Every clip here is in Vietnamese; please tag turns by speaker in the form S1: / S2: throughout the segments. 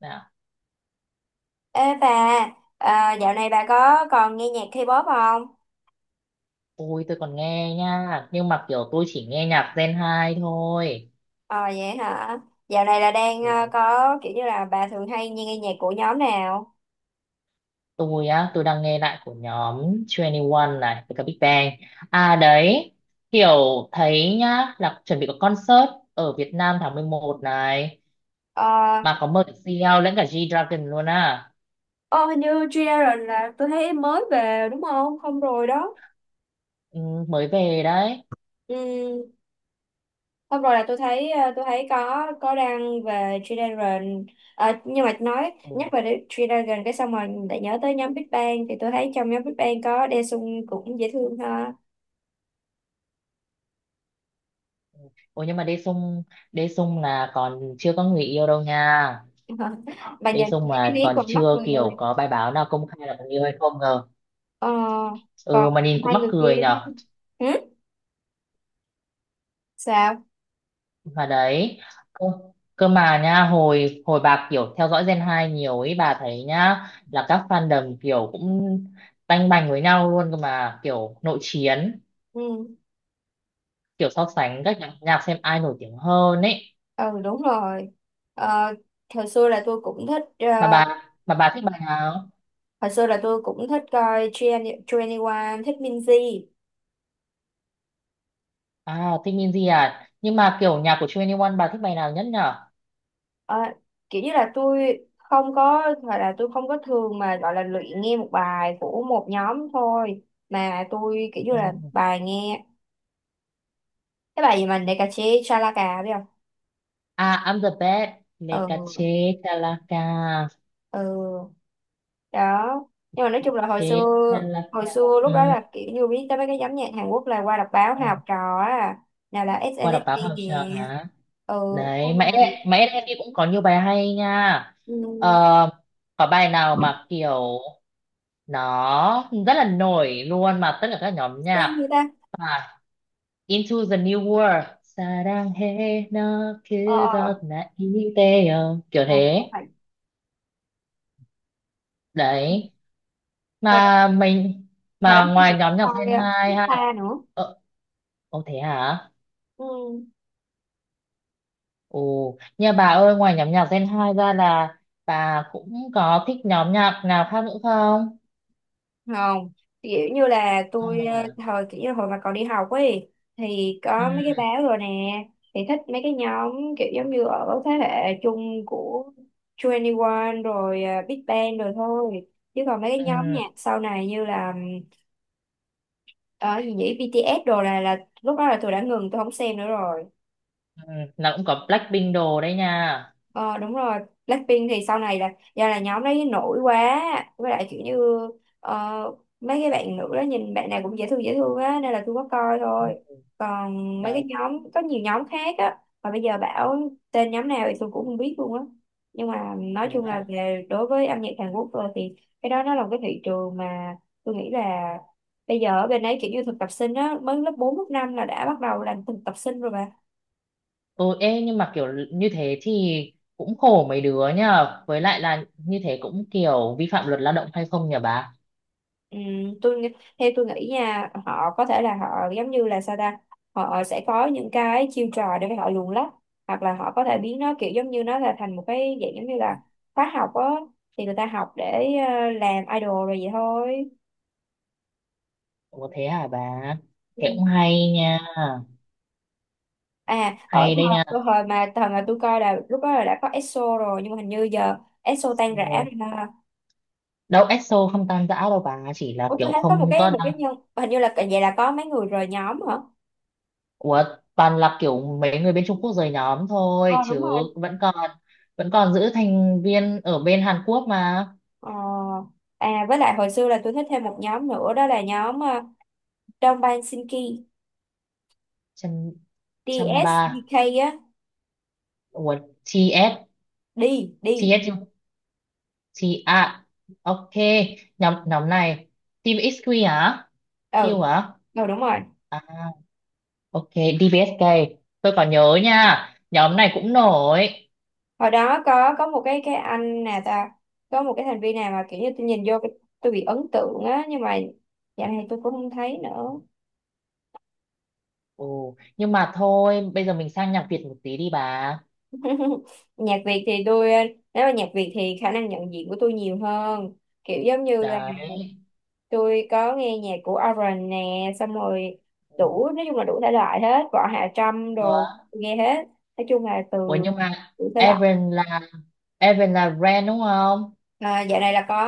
S1: Dạ.
S2: Ê bà, à, dạo này bà có còn nghe nhạc K-pop không?
S1: Ôi tôi còn nghe nha. Nhưng mà kiểu tôi chỉ nghe nhạc Gen 2 thôi.
S2: Ờ vậy hả? Dạo này là đang
S1: Ừ,
S2: có kiểu như là bà thường hay nghe nhạc của nhóm nào?
S1: tôi á tôi đang nghe lại của nhóm Twenty One này. Với cả Big Bang. À đấy, kiểu thấy nhá là chuẩn bị có concert ở Việt Nam tháng 11 này.
S2: Ờ,
S1: Mà có mời CL lẫn cả G-Dragon luôn à.
S2: ô hình như G-Dragon là tôi thấy mới về đúng không? Không rồi đó.
S1: Ừ, mới về đấy.
S2: Ừ, không rồi là tôi thấy có đăng về G-Dragon. Ờ, nhưng mà nói
S1: Ừ.
S2: nhắc về G-Dragon cái xong rồi lại nhớ tới nhóm Big Bang, thì tôi thấy trong nhóm Big Bang có Daesung cũng dễ thương ha.
S1: Ôi nhưng mà Đê Sung, Đê Sung là còn chưa có người yêu đâu nha.
S2: Bà
S1: Đê
S2: nhìn
S1: Sung
S2: cái
S1: mà
S2: nét
S1: còn
S2: còn mắt
S1: chưa
S2: người.
S1: kiểu có bài báo nào công khai là có người yêu hay không ngờ.
S2: Ờ, Còn
S1: Ừ mà nhìn cũng
S2: hai
S1: mắc
S2: người kia
S1: cười nhở.
S2: thế, ừ? Sao?
S1: Mà đấy, cơ, cơ mà nha hồi hồi bà kiểu theo dõi Gen 2 nhiều ấy, bà thấy nhá là các fandom kiểu cũng tanh bành với nhau luôn cơ mà kiểu nội chiến,
S2: Ừ.
S1: kiểu so sánh các nhạc xem ai nổi tiếng hơn ấy.
S2: Ừ, đúng rồi. Ờ, hồi xưa là tôi cũng thích ờ,
S1: Mà bà thích bài nào?
S2: hồi xưa là tôi cũng thích coi Twenty One, thích Minzy.
S1: À thích Minzy à, nhưng mà kiểu nhạc của 21 bà thích bài nào nhất nhở?
S2: Ờ, kiểu như là tôi không có gọi là tôi không có thường mà gọi là luyện nghe một bài của một nhóm thôi, mà tôi kiểu như là
S1: Ừ.
S2: bài nghe cái bài gì mà Nekache Chalaka, biết không?
S1: À I'm the best.
S2: Ừ.
S1: Lekache Talaka.
S2: Ừ. Đó. Nhưng mà nói chung là hồi
S1: Lekache
S2: xưa, hồi
S1: Talaka.
S2: xưa lúc đó
S1: Ừ.
S2: là kiểu như biết tới mấy cái nhóm nhạc Hàn Quốc là qua đọc báo
S1: Ừ.
S2: hay học trò á, nào là
S1: Qua đọc báo
S2: SNSD
S1: học
S2: kìa.
S1: sao hả?
S2: Ừ.
S1: Đấy
S2: Xong
S1: mẹ,
S2: rồi.
S1: mẹ em đi cũng có nhiều bài hay nha. Ờ,
S2: Ừ,
S1: có bài nào mà kiểu nó rất là nổi luôn mà tất cả các nhóm
S2: Sea
S1: nhạc.
S2: người ta,
S1: À, Into the New World. 사랑해 너
S2: ờ ờ ờ,
S1: 그것 나 이대요, kiểu
S2: ờ, không
S1: thế.
S2: phải.
S1: Đấy
S2: Hồi đó,
S1: mà mình,
S2: hồi đó
S1: mà ngoài
S2: tôi
S1: nhóm nhạc
S2: coi
S1: Gen 2 ha.
S2: Vista nữa.
S1: Ờ, ồ thế hả.
S2: Ừ.
S1: Ồ, nhà bà ơi, ngoài nhóm nhạc Gen 2 ra là bà cũng có thích nhóm nhạc nào khác nữa không?
S2: Không, kiểu như là
S1: À,
S2: tôi thời kiểu như hồi mà còn đi học ấy, thì
S1: ừ,
S2: có mấy cái báo rồi nè, thì thích mấy cái nhóm kiểu giống như ở thế hệ chung của 21 rồi Big Bang rồi thôi, chứ còn mấy cái nhóm
S1: ừ,
S2: nhạc sau này như là ở gì nhỉ, BTS đồ, là lúc đó là tôi đã ngừng, tôi không xem nữa rồi.
S1: ừ, là cũng có Blackpink đồ đấy nha.
S2: Ờ đúng rồi. Blackpink thì sau này là do là nhóm đấy nổi quá, với lại kiểu như ờ, mấy cái bạn nữ đó nhìn bạn nào cũng dễ thương á, nên là tôi có coi thôi.
S1: Ừ,
S2: Còn mấy cái
S1: đấy.
S2: nhóm có nhiều nhóm khác á, mà bây giờ bảo tên nhóm nào thì tôi cũng không biết luôn á. Nhưng mà nói
S1: Thế
S2: chung là
S1: là-
S2: về đối với âm nhạc Hàn Quốc rồi thì cái đó nó là một cái thị trường mà tôi nghĩ là bây giờ ở bên đấy kiểu như thực tập sinh á, mới lớp 4 lớp 5 là đã bắt đầu làm thực tập sinh rồi bà.
S1: Ồ, ê, nhưng mà kiểu như thế thì cũng khổ mấy đứa nhờ. Với lại là như thế cũng kiểu vi phạm luật lao động hay không nhờ bà?
S2: Ừ, tôi nghĩ- theo tôi nghĩ nha, họ có thể là họ giống như là sao ta, họ sẽ có những cái chiêu trò để họ luồn lách, hoặc là họ có thể biến nó kiểu giống như nó là thành một cái dạng giống như là khóa học á, thì người ta học để làm idol rồi vậy thôi.
S1: Ủa thế hả bà?
S2: Ừ.
S1: Thế cũng hay nha.
S2: à ở
S1: Hay đây nha.
S2: thời, cái thời mà thời mà tôi coi là lúc đó là đã có EXO rồi, nhưng mà hình như giờ EXO tan rã
S1: Ừ.
S2: rồi ha.
S1: Đâu EXO không tan rã đâu bà, chỉ là
S2: Ủa tôi
S1: kiểu
S2: thấy có một
S1: không
S2: cái
S1: có.
S2: một cái nhân, hình như là vậy, là có mấy người rời nhóm hả.
S1: Ủa, toàn là kiểu mấy người bên Trung Quốc rời nhóm
S2: Ờ
S1: thôi
S2: đúng
S1: chứ
S2: rồi.
S1: vẫn còn vẫn còn giữ thành viên ở bên Hàn Quốc mà.
S2: Ờ, với lại hồi xưa là tôi thích thêm một nhóm nữa, đó là nhóm Dongbang Sinki,
S1: Trăm, trăm ba.
S2: DSDK á,
S1: Ủa, TS,
S2: đi đi.
S1: TS chứ? T, à ok, nhóm nhóm này Team XQ hả?
S2: Ừ.
S1: Q hả?
S2: Ừ, đúng rồi.
S1: À ok, DBSK, tôi còn nhớ nha, nhóm này cũng nổi.
S2: Hồi đó có một cái anh nè ta, có một cái thành viên nào mà kiểu như tôi nhìn vô tôi bị ấn tượng á, nhưng mà dạo này tôi cũng không thấy nữa.
S1: Ồ, nhưng mà thôi bây giờ mình sang nhạc Việt một tí đi bà.
S2: nhạc Việt thì tôi ờ, Nếu mà nhạc Việt thì khả năng nhận diện của tôi nhiều hơn, kiểu giống như là
S1: Đấy.
S2: tôi có nghe nhạc của Oren nè, xong rồi đủ, nói chung là đủ thể loại hết, Võ Hạ Trâm
S1: Ừ.
S2: đồ tôi nghe hết, nói chung là từ
S1: Ủa nhưng mà
S2: đủ thể loại.
S1: Evan là Evan là Ren đúng không?
S2: À, dạo này là có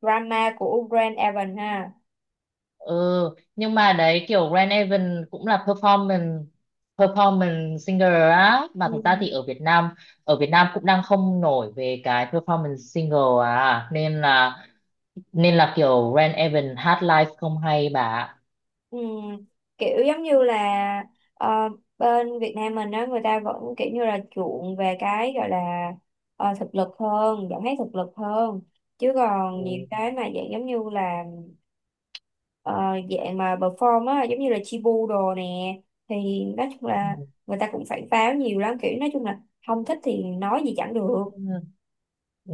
S2: drama của Brand Evan ha.
S1: Ừ, nhưng mà đấy kiểu Ren Evan cũng là performance performance singer á, mà
S2: Ừ.
S1: thực ra thì ở Việt Nam cũng đang không nổi về cái performance single, à nên là, nên là kiểu Ren Evan hát live không hay bà ạ.
S2: Ừ. Kiểu giống như là ờ, bên Việt Nam mình á, người ta vẫn kiểu như là chuộng về cái gọi là thực lực hơn, giọng hát thực lực hơn, chứ còn nhiều
S1: Ừ.
S2: cái mà dạng giống như là ờ, dạng mà perform á, giống như là Chibu đồ nè, thì nói chung
S1: Ừ.
S2: là người ta cũng phải pháo nhiều lắm, kiểu nói chung là không thích thì nói gì chẳng được.
S1: Ừ. Ừ.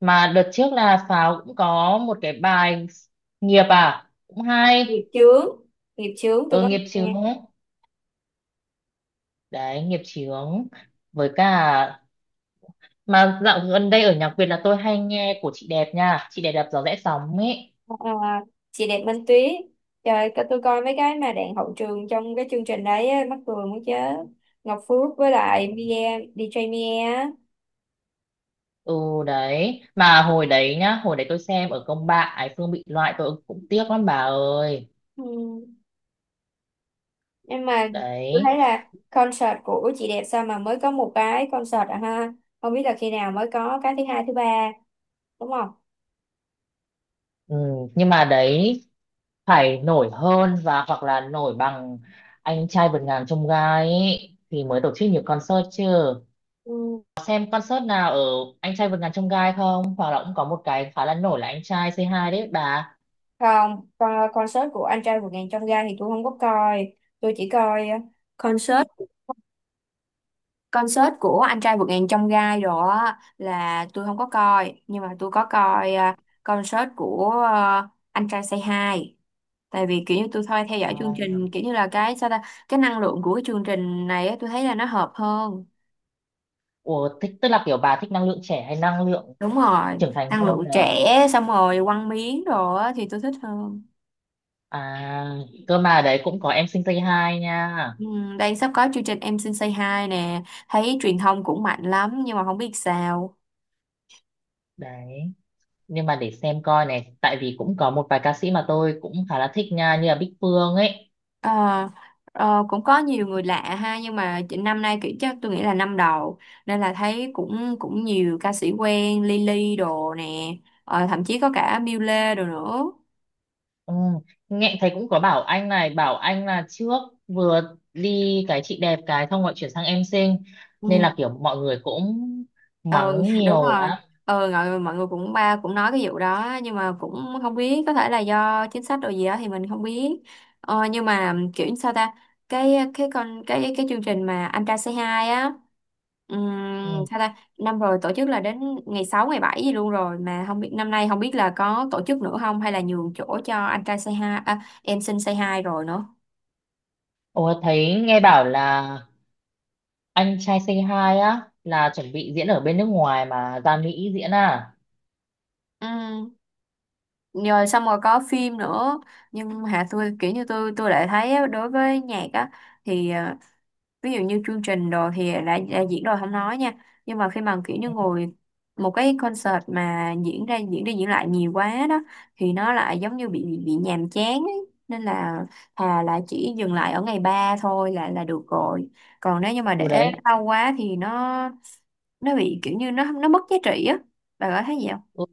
S1: Mà đợt trước là Pháo cũng có một cái bài nghiệp à cũng hay.
S2: Nghiệp chướng, nghiệp chướng tôi
S1: Ừ
S2: có
S1: nghiệp chứ,
S2: nghe.
S1: đấy nghiệp chướng. Với cả mà dạo gần đây ở nhạc Việt là tôi hay nghe của chị đẹp nha, chị đẹp đạp gió rẽ sóng ấy.
S2: Ờ, ờ, chị đẹp Minh Tuyết, trời tôi coi mấy cái mà đạn hậu trường trong cái chương trình đấy á, mắc cười muốn chết. Ngọc Phước với lại Mia, DJ Mia á.
S1: Ừ đấy, mà hồi đấy nhá, hồi đấy tôi xem ở công bạn Ái Phương bị loại tôi cũng tiếc lắm bà ơi.
S2: Ừ. Nhưng mà tôi
S1: Đấy.
S2: thấy là concert của chị đẹp sao mà mới có một cái concert à ha, không biết là khi nào mới có cái thứ hai thứ ba, đúng không?
S1: Ừ, nhưng mà đấy phải nổi hơn và hoặc là nổi bằng anh trai vượt ngàn chông gai ấy, thì mới tổ chức nhiều concert chứ.
S2: Ừ.
S1: Xem concert nào ở anh trai vượt ngàn chông gai không, hoặc là cũng có một cái khá là nổi là anh trai c hai đấy bà.
S2: Không, con concert của anh trai vượt ngàn chông gai thì tôi không có coi, tôi chỉ coi concert concert của anh trai vượt ngàn chông gai rồi á, là tôi không có coi, nhưng mà tôi có coi concert của anh trai Say Hi, tại vì kiểu như tôi thôi theo dõi chương
S1: À,
S2: trình kiểu như là cái sao ta, cái năng lượng của cái chương trình này á, tôi thấy là nó hợp hơn.
S1: ủa, thích tức là kiểu bà thích năng lượng trẻ hay năng lượng
S2: Đúng rồi,
S1: trưởng thành
S2: năng
S1: hơn
S2: lượng
S1: nhờ?
S2: trẻ, xong rồi quăng miếng rồi á, thì tôi thích hơn.
S1: À, cơ mà đấy cũng có em sinh tây hai nha.
S2: Ừ, đang sắp có chương trình Em Xin Say Hi nè, thấy truyền thông cũng mạnh lắm nhưng mà không biết sao.
S1: Đấy, nhưng mà để xem coi này, tại vì cũng có một vài ca sĩ mà tôi cũng khá là thích nha, như là Bích Phương ấy.
S2: Ờ, ờ, cũng có nhiều người lạ ha, nhưng mà năm nay kiểu chắc tôi nghĩ là năm đầu, nên là thấy cũng cũng nhiều ca sĩ quen Lily đồ nè, thậm chí có cả Miu Lê đồ nữa.
S1: Ừ, nghe thấy cũng có bảo anh này, bảo anh là trước vừa đi cái chị đẹp cái xong rồi chuyển sang em sinh, nên
S2: Ừ.
S1: là kiểu mọi người cũng
S2: Ừ,
S1: mắng
S2: đúng
S1: nhiều
S2: rồi.
S1: lắm.
S2: Ừ, rồi mọi người cũng ba cũng nói cái vụ đó, nhưng mà cũng không biết, có thể là do chính sách rồi gì đó thì mình không biết. Nhưng mà kiểu như sao ta, cái con cái chương trình mà anh trai Say Hi á,
S1: Ừ.
S2: sao ta năm rồi tổ chức là đến ngày 6 ngày 7 gì luôn rồi, mà không biết năm nay, không biết là có tổ chức nữa không, hay là nhường chỗ cho anh trai Say Hi, à, em xin Say Hi rồi nữa.
S1: Ủa thấy nghe bảo là anh trai Say Hi á là chuẩn bị diễn ở bên nước ngoài mà ra Mỹ diễn à.
S2: Ừ, rồi xong rồi có phim nữa, nhưng hả tôi kiểu như tôi lại thấy á, đối với nhạc á thì ví dụ như chương trình đồ thì đã diễn rồi không nói nha, nhưng mà khi mà kiểu như ngồi một cái concert mà diễn ra diễn đi diễn lại nhiều quá đó, thì nó lại giống như bị nhàm chán ấy. Nên là thà là chỉ dừng lại ở ngày 3 thôi là được rồi, còn nếu như mà
S1: Ừ
S2: để
S1: đấy.
S2: lâu quá thì nó bị kiểu như nó mất giá trị á, bà có thấy gì không?
S1: Ừ,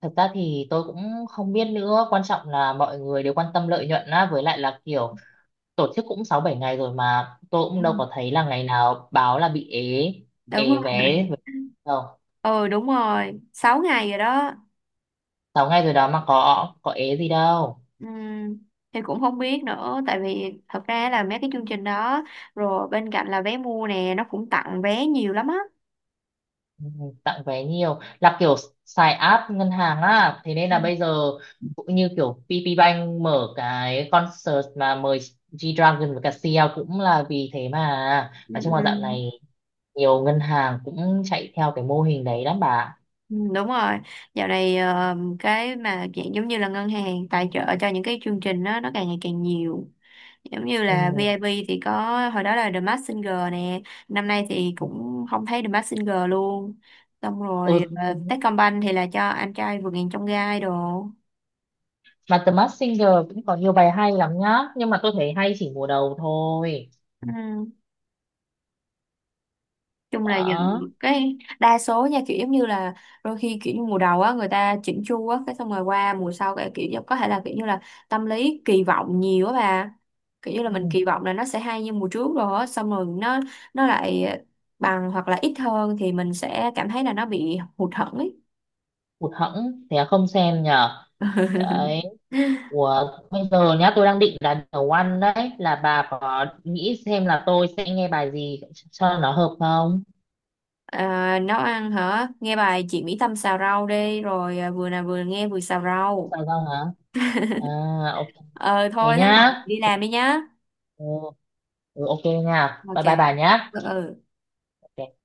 S1: thật ra thì tôi cũng không biết nữa, quan trọng là mọi người đều quan tâm lợi nhuận á, với lại là kiểu tổ chức cũng sáu bảy ngày rồi mà tôi cũng đâu
S2: Ừ.
S1: có thấy là ngày nào báo là bị ế.
S2: Đúng
S1: Ế
S2: không?
S1: vé đâu.
S2: Ừ, đúng rồi, 6 ngày rồi đó.
S1: Sáu ngày rồi đó mà có ế gì đâu.
S2: Ừm, thì cũng không biết nữa, tại vì thật ra là mấy cái chương trình đó rồi bên cạnh là vé mua nè, nó cũng tặng vé nhiều lắm á.
S1: Ừ, tặng vé nhiều là kiểu xài app ngân hàng á, thế nên
S2: Ừ.
S1: là bây giờ cũng như kiểu PPBank mở cái concert mà mời G-Dragon và cả CL cũng là vì thế, mà
S2: Ừ,
S1: nói chung
S2: ừ,
S1: là dạo này nhiều ngân hàng cũng chạy theo cái mô hình đấy lắm bà.
S2: ừ, đúng rồi. Dạo này cái mà dạng giống như là ngân hàng tài trợ cho những cái chương trình đó nó càng ngày càng nhiều, giống như là
S1: Ừ.
S2: VIP thì có, hồi đó là The Masked Singer nè, năm nay thì cũng không thấy The Masked Singer luôn, xong rồi
S1: Ừ.
S2: Techcombank thì là cho anh trai vượt ngàn chông gai đồ.
S1: Mà The Masked Singer cũng có nhiều bài hay lắm nhá, nhưng mà tôi thấy hay chỉ mùa đầu thôi.
S2: Ừ. Chung là giờ
S1: Đó.
S2: cái đa số nha, kiểu giống như là đôi khi kiểu như mùa đầu á người ta chỉnh chu á, cái xong rồi qua mùa sau cái có thể là kiểu như là tâm lý kỳ vọng nhiều á bà, kiểu như là
S1: Ừ.
S2: mình kỳ vọng là nó sẽ hay như mùa trước rồi á, xong rồi nó lại bằng hoặc là ít hơn thì mình sẽ cảm thấy là nó bị hụt hẫng ấy.
S1: Hụt hẫng thế là không xem nhở. Đấy. Ủa, bây giờ nhá tôi đang định là nấu ăn đấy, là bà có nghĩ xem là tôi sẽ nghe bài gì cho nó hợp không?
S2: À, nấu ăn hả? Nghe bài chị Mỹ Tâm xào rau đi, rồi à, vừa nào vừa nghe vừa xào
S1: Không
S2: rau.
S1: sao đâu hả? À ok,
S2: Ờ
S1: thế
S2: Thôi thế bận
S1: nhá.
S2: đi làm đi nhá.
S1: Ừ, ừ, ok nha.
S2: Ok.
S1: Bye bye bà nhá.
S2: Ừ, ừ.
S1: Ok.